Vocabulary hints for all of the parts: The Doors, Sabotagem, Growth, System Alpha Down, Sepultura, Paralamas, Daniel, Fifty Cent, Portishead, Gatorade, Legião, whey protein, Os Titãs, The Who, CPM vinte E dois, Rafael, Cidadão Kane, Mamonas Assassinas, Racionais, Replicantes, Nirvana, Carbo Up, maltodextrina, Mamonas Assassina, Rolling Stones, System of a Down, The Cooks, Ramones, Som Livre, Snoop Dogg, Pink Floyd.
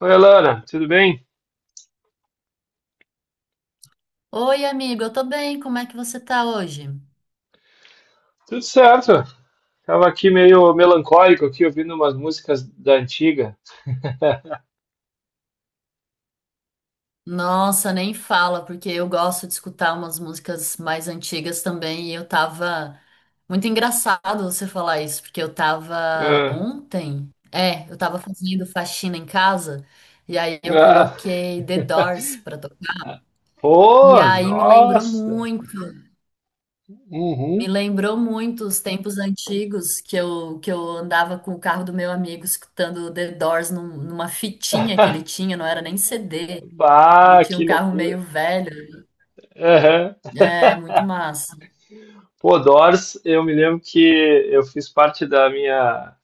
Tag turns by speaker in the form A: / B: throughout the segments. A: Oi, Alana, tudo bem?
B: Oi, amigo, eu tô bem, como é que você tá hoje?
A: Tudo certo. Tava aqui meio melancólico aqui, ouvindo umas músicas da antiga.
B: Nossa, nem fala, porque eu gosto de escutar umas músicas mais antigas também, e eu tava. Muito engraçado você falar isso, porque eu tava
A: Ah,
B: ontem. É, eu tava fazendo faxina em casa, e aí eu
A: ah.
B: coloquei The Doors pra tocar. E
A: Pô,
B: aí me lembrou
A: nossa!
B: muito. Me
A: Uhum.
B: lembrou muito os tempos antigos que eu, andava com o carro do meu amigo escutando The Doors numa fitinha que ele tinha, não era nem CD. Ele
A: Bah,
B: tinha
A: que
B: um carro
A: loucura!
B: meio velho.
A: Aham.
B: É, muito massa.
A: Pô, Doors, eu me lembro que eu fiz parte da minha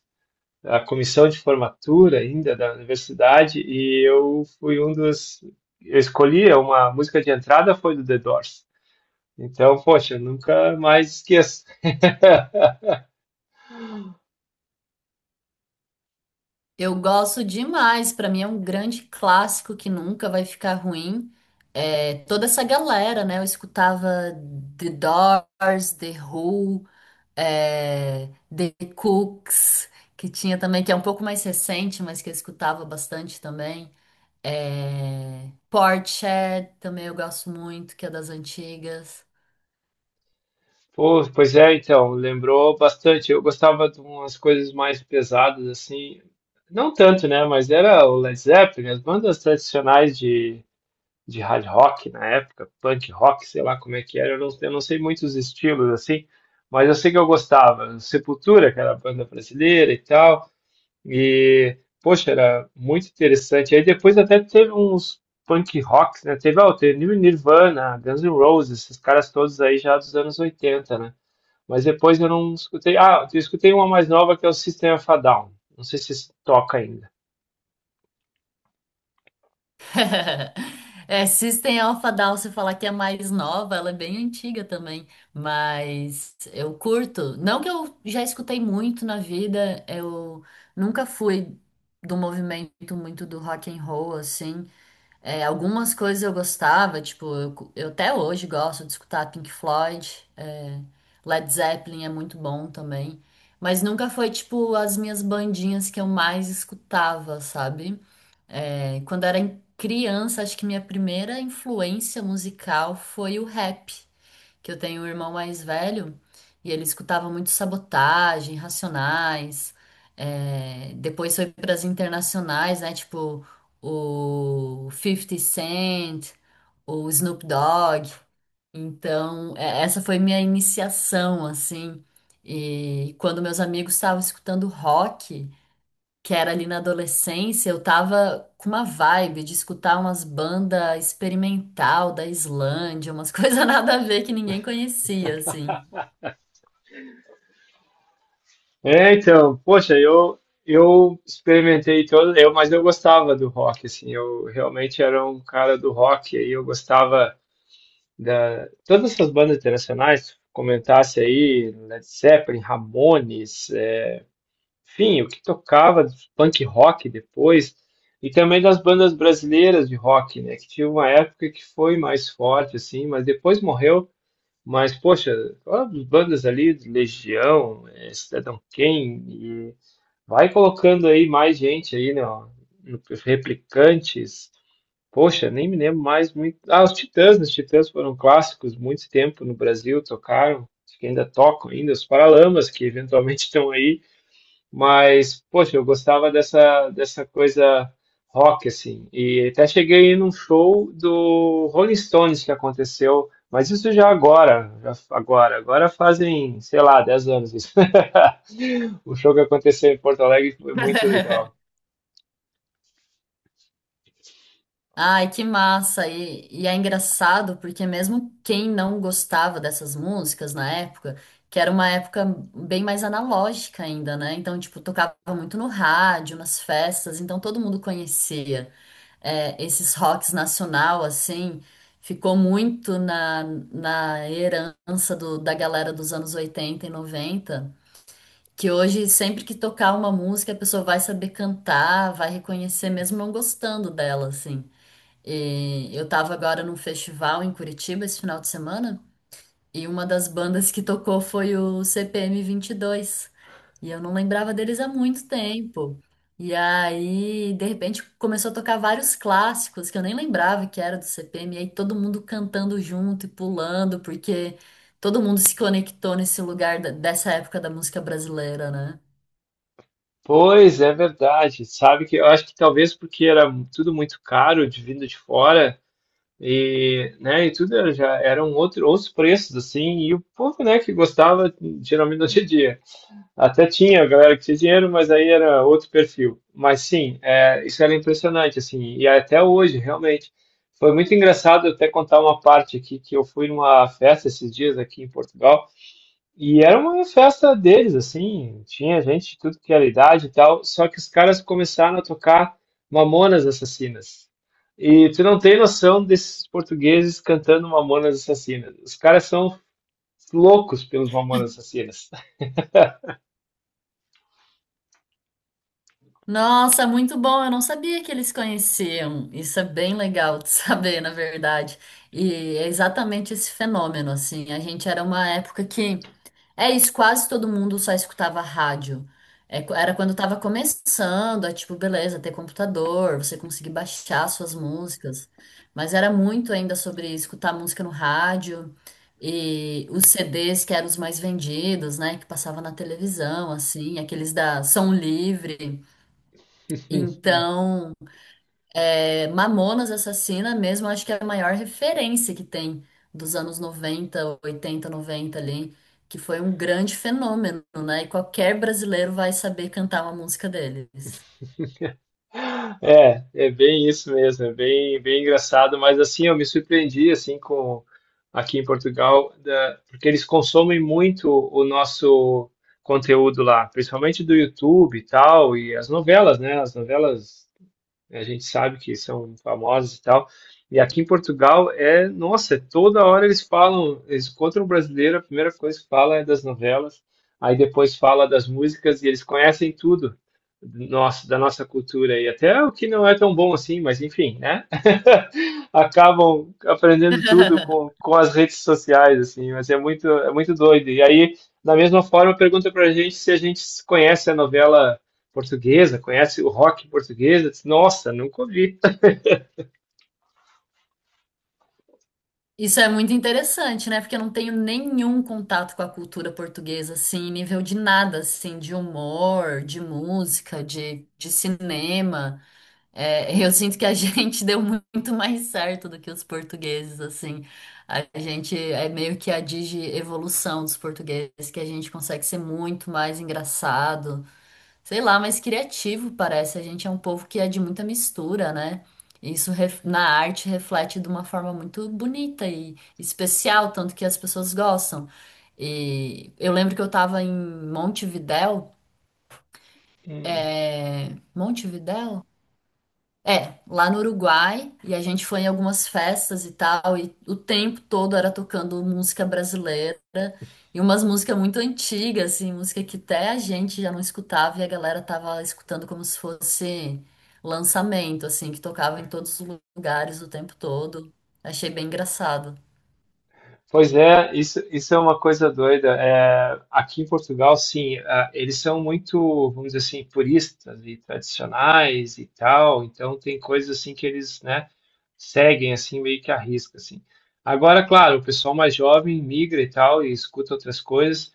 A: da comissão de formatura ainda da universidade e eu fui um dos. Eu escolhi uma música de entrada foi do The Doors. Então, poxa, nunca mais esqueço.
B: Eu gosto demais, pra mim é um grande clássico que nunca vai ficar ruim. É, toda essa galera, né? Eu escutava The Doors, The Who, é, The Cooks, que tinha também, que é um pouco mais recente, mas que eu escutava bastante também. É, Portishead também eu gosto muito, que é das antigas.
A: Pô, pois é, então, lembrou bastante. Eu gostava de umas coisas mais pesadas, assim, não tanto, né? Mas era o Led Zeppelin, as bandas tradicionais de hard rock na época, punk rock, sei lá como é que era, eu não sei muitos estilos, assim, mas eu sei que eu gostava. Sepultura, que era a banda brasileira e tal. E, poxa, era muito interessante. Aí depois até teve uns punk rocks, né? Teve, ó, teve Nirvana, Guns N' Roses, esses caras todos aí já dos anos 80, né? Mas depois eu não escutei. Ah, eu escutei uma mais nova que é o System of a Down. Não sei se toca ainda.
B: É, System Alpha Down, se falar que é mais nova, ela é bem antiga também, mas eu curto. Não que eu já escutei muito na vida, eu nunca fui do movimento muito do rock and roll assim. É, algumas coisas eu gostava, tipo, eu, eu até hoje gosto de escutar Pink Floyd, é, Led Zeppelin é muito bom também, mas nunca foi, tipo, as minhas bandinhas que eu mais escutava, sabe? É, quando era criança, acho que minha primeira influência musical foi o rap, que eu tenho um irmão mais velho e ele escutava muito Sabotagem, Racionais. É, depois foi para as internacionais, né? Tipo o Fifty Cent, o Snoop Dogg. Então, essa foi minha iniciação, assim. E quando meus amigos estavam escutando rock, que era ali na adolescência, eu tava com uma vibe de escutar umas bandas experimental da Islândia, umas coisas nada a ver que ninguém conhecia, assim.
A: É, então, poxa, eu experimentei todo, eu, mas eu gostava do rock, assim, eu realmente era um cara do rock, aí eu gostava da- todas essas bandas internacionais, comentasse aí, Led Zeppelin, Ramones, é, enfim, o que tocava de punk rock depois, e também das bandas brasileiras de rock, né, que tinha uma época que foi mais forte, assim, mas depois morreu, mas, poxa, todas as bandas ali, de Legião, é, Cidadão Kane, e vai colocando aí mais gente aí, né, ó, no- Replicantes, poxa, nem me lembro mais muito. Ah, os Titãs, né? Os Titãs foram clássicos muito tempo no Brasil, tocaram, acho que ainda tocam ainda, os Paralamas, que eventualmente estão aí, mas, poxa, eu gostava dessa coisa rock, assim, e até cheguei num show do Rolling Stones que aconteceu, mas isso já agora, agora fazem, sei lá, 10 anos isso. O show que aconteceu em Porto Alegre foi muito legal.
B: Ai, que massa! E é engraçado porque mesmo quem não gostava dessas músicas na época, que era uma época bem mais analógica ainda, né? Então, tipo, tocava muito no rádio, nas festas, então todo mundo conhecia. É, esses rocks nacional, assim, ficou muito na herança da galera dos anos 80 e 90, que hoje, sempre que tocar uma música, a pessoa vai saber cantar, vai reconhecer, mesmo não gostando dela, assim. E eu tava agora num festival em Curitiba esse final de semana, e uma das bandas que tocou foi o CPM22, e eu não lembrava deles há muito tempo. E aí, de repente, começou a tocar vários clássicos que eu nem lembrava que era do CPM. E aí todo mundo cantando junto e pulando, porque todo mundo se conectou nesse lugar dessa época da música brasileira, né?
A: Pois é verdade. Sabe que eu acho que talvez porque era tudo muito caro de vindo de fora e, né, e tudo era- já eram outro, outros preços assim, e o povo, né, que gostava geralmente não tinha dinheiro. Até tinha a galera que tinha dinheiro, mas aí era outro perfil. Mas sim, é, isso era impressionante assim, e até hoje realmente foi muito engraçado eu até contar uma parte aqui que eu fui numa festa esses dias aqui em Portugal. E era uma festa deles, assim, tinha gente de tudo que era idade e tal, só que os caras começaram a tocar Mamonas Assassinas. E tu não tem noção desses portugueses cantando Mamonas Assassinas. Os caras são loucos pelos Mamonas Assassinas.
B: Nossa, muito bom. Eu não sabia que eles conheciam. Isso é bem legal de saber, na verdade. E é exatamente esse fenômeno, assim. A gente era uma época que é isso, quase todo mundo só escutava rádio. É, era quando tava começando, é tipo, beleza, ter computador, você conseguir baixar suas músicas. Mas era muito ainda sobre escutar música no rádio, e os CDs que eram os mais vendidos, né? Que passava na televisão, assim, aqueles da Som Livre. Então, é, Mamonas Assassina mesmo, acho que é a maior referência que tem dos anos 90, 80, 90, ali, que foi um grande fenômeno, né? E qualquer brasileiro vai saber cantar uma música deles.
A: É, é bem isso mesmo, é bem, bem engraçado, mas assim, eu me surpreendi assim com aqui em Portugal, da- porque eles consomem muito o nosso conteúdo lá, principalmente do YouTube e tal, e as novelas, né? As novelas né? A gente sabe que são famosos e tal. E aqui em Portugal é, nossa, toda hora eles falam, eles encontram um brasileiro, a primeira coisa que fala é das novelas, aí depois fala das músicas e eles conhecem tudo do nosso, da nossa cultura e até o que não é tão bom assim, mas enfim, né? Acabam aprendendo tudo com as redes sociais, assim, mas é muito doido. E aí, da mesma forma, pergunta pra gente se a gente conhece a novela portuguesa, conhece o rock português? Disse: Nossa, nunca ouvi.
B: Isso é muito interessante, né? Porque eu não tenho nenhum contato com a cultura portuguesa, assim, nível de nada, assim, de humor, de música, de cinema. É, eu sinto que a gente deu muito mais certo do que os portugueses, assim. A gente é meio que a digievolução dos portugueses, que a gente consegue ser muito mais engraçado, sei lá, mais criativo, parece. A gente é um povo que é de muita mistura, né? Isso na arte reflete de uma forma muito bonita e especial, tanto que as pessoas gostam. E eu lembro que eu tava em
A: Hum.
B: Montevidéu? É, lá no Uruguai, e a gente foi em algumas festas e tal, e o tempo todo era tocando música brasileira, e umas músicas muito antigas, assim, música que até a gente já não escutava, e a galera tava escutando como se fosse lançamento, assim, que tocava em todos os lugares o tempo todo. Achei bem engraçado.
A: Pois é, isso é uma coisa doida. É, aqui em Portugal, sim, é, eles são muito, vamos dizer assim, puristas e tradicionais e tal. Então tem coisas assim que eles, né, seguem assim meio que à risca, assim. Agora, claro, o pessoal mais jovem migra e tal e escuta outras coisas.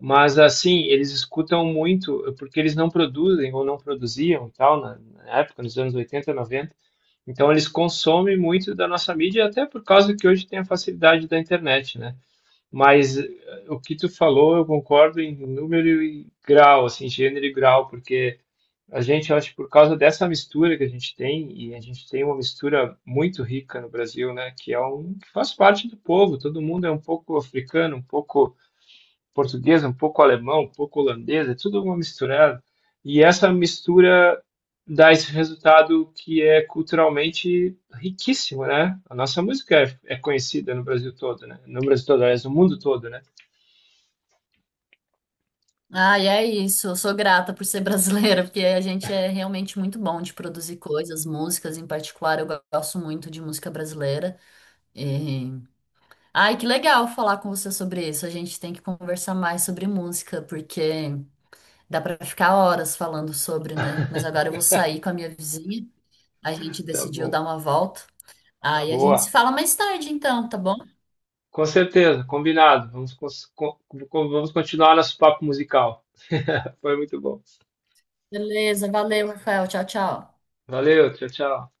A: Mas assim, eles escutam muito, porque eles não produzem ou não produziam tal, na época, nos anos 80, 90. Então eles consomem muito da nossa mídia, até por causa que hoje tem a facilidade da internet, né? Mas eh, o que tu falou, eu concordo em número e grau, assim, gênero e grau, porque a gente, eu acho, que por causa dessa mistura que a gente tem, e a gente tem uma mistura muito rica no Brasil, né? Que é um que faz parte do povo, todo mundo é um pouco africano, um pouco português, um pouco alemão, um pouco holandês, é tudo uma misturada. E essa mistura dá esse resultado que é culturalmente riquíssimo, né? A nossa música é, é conhecida no Brasil todo, né? No Brasil todo, aliás, no mundo todo, né?
B: Ah, e é isso, eu sou grata por ser brasileira, porque a gente é realmente muito bom de produzir coisas, músicas em particular, eu gosto muito de música brasileira. eh, Ai, que legal falar com você sobre isso. A gente tem que conversar mais sobre música, porque dá pra ficar horas falando sobre, né? Mas agora eu vou sair com a minha vizinha. A gente
A: Tá
B: decidiu
A: bom.
B: dar uma volta. Aí a gente se
A: Boa.
B: fala mais tarde, então, tá bom?
A: Com certeza, combinado. Vamos, cons- co- vamos continuar nosso papo musical. Foi muito bom.
B: Beleza, valeu, Rafael. Tchau, tchau.
A: Valeu, tchau, tchau.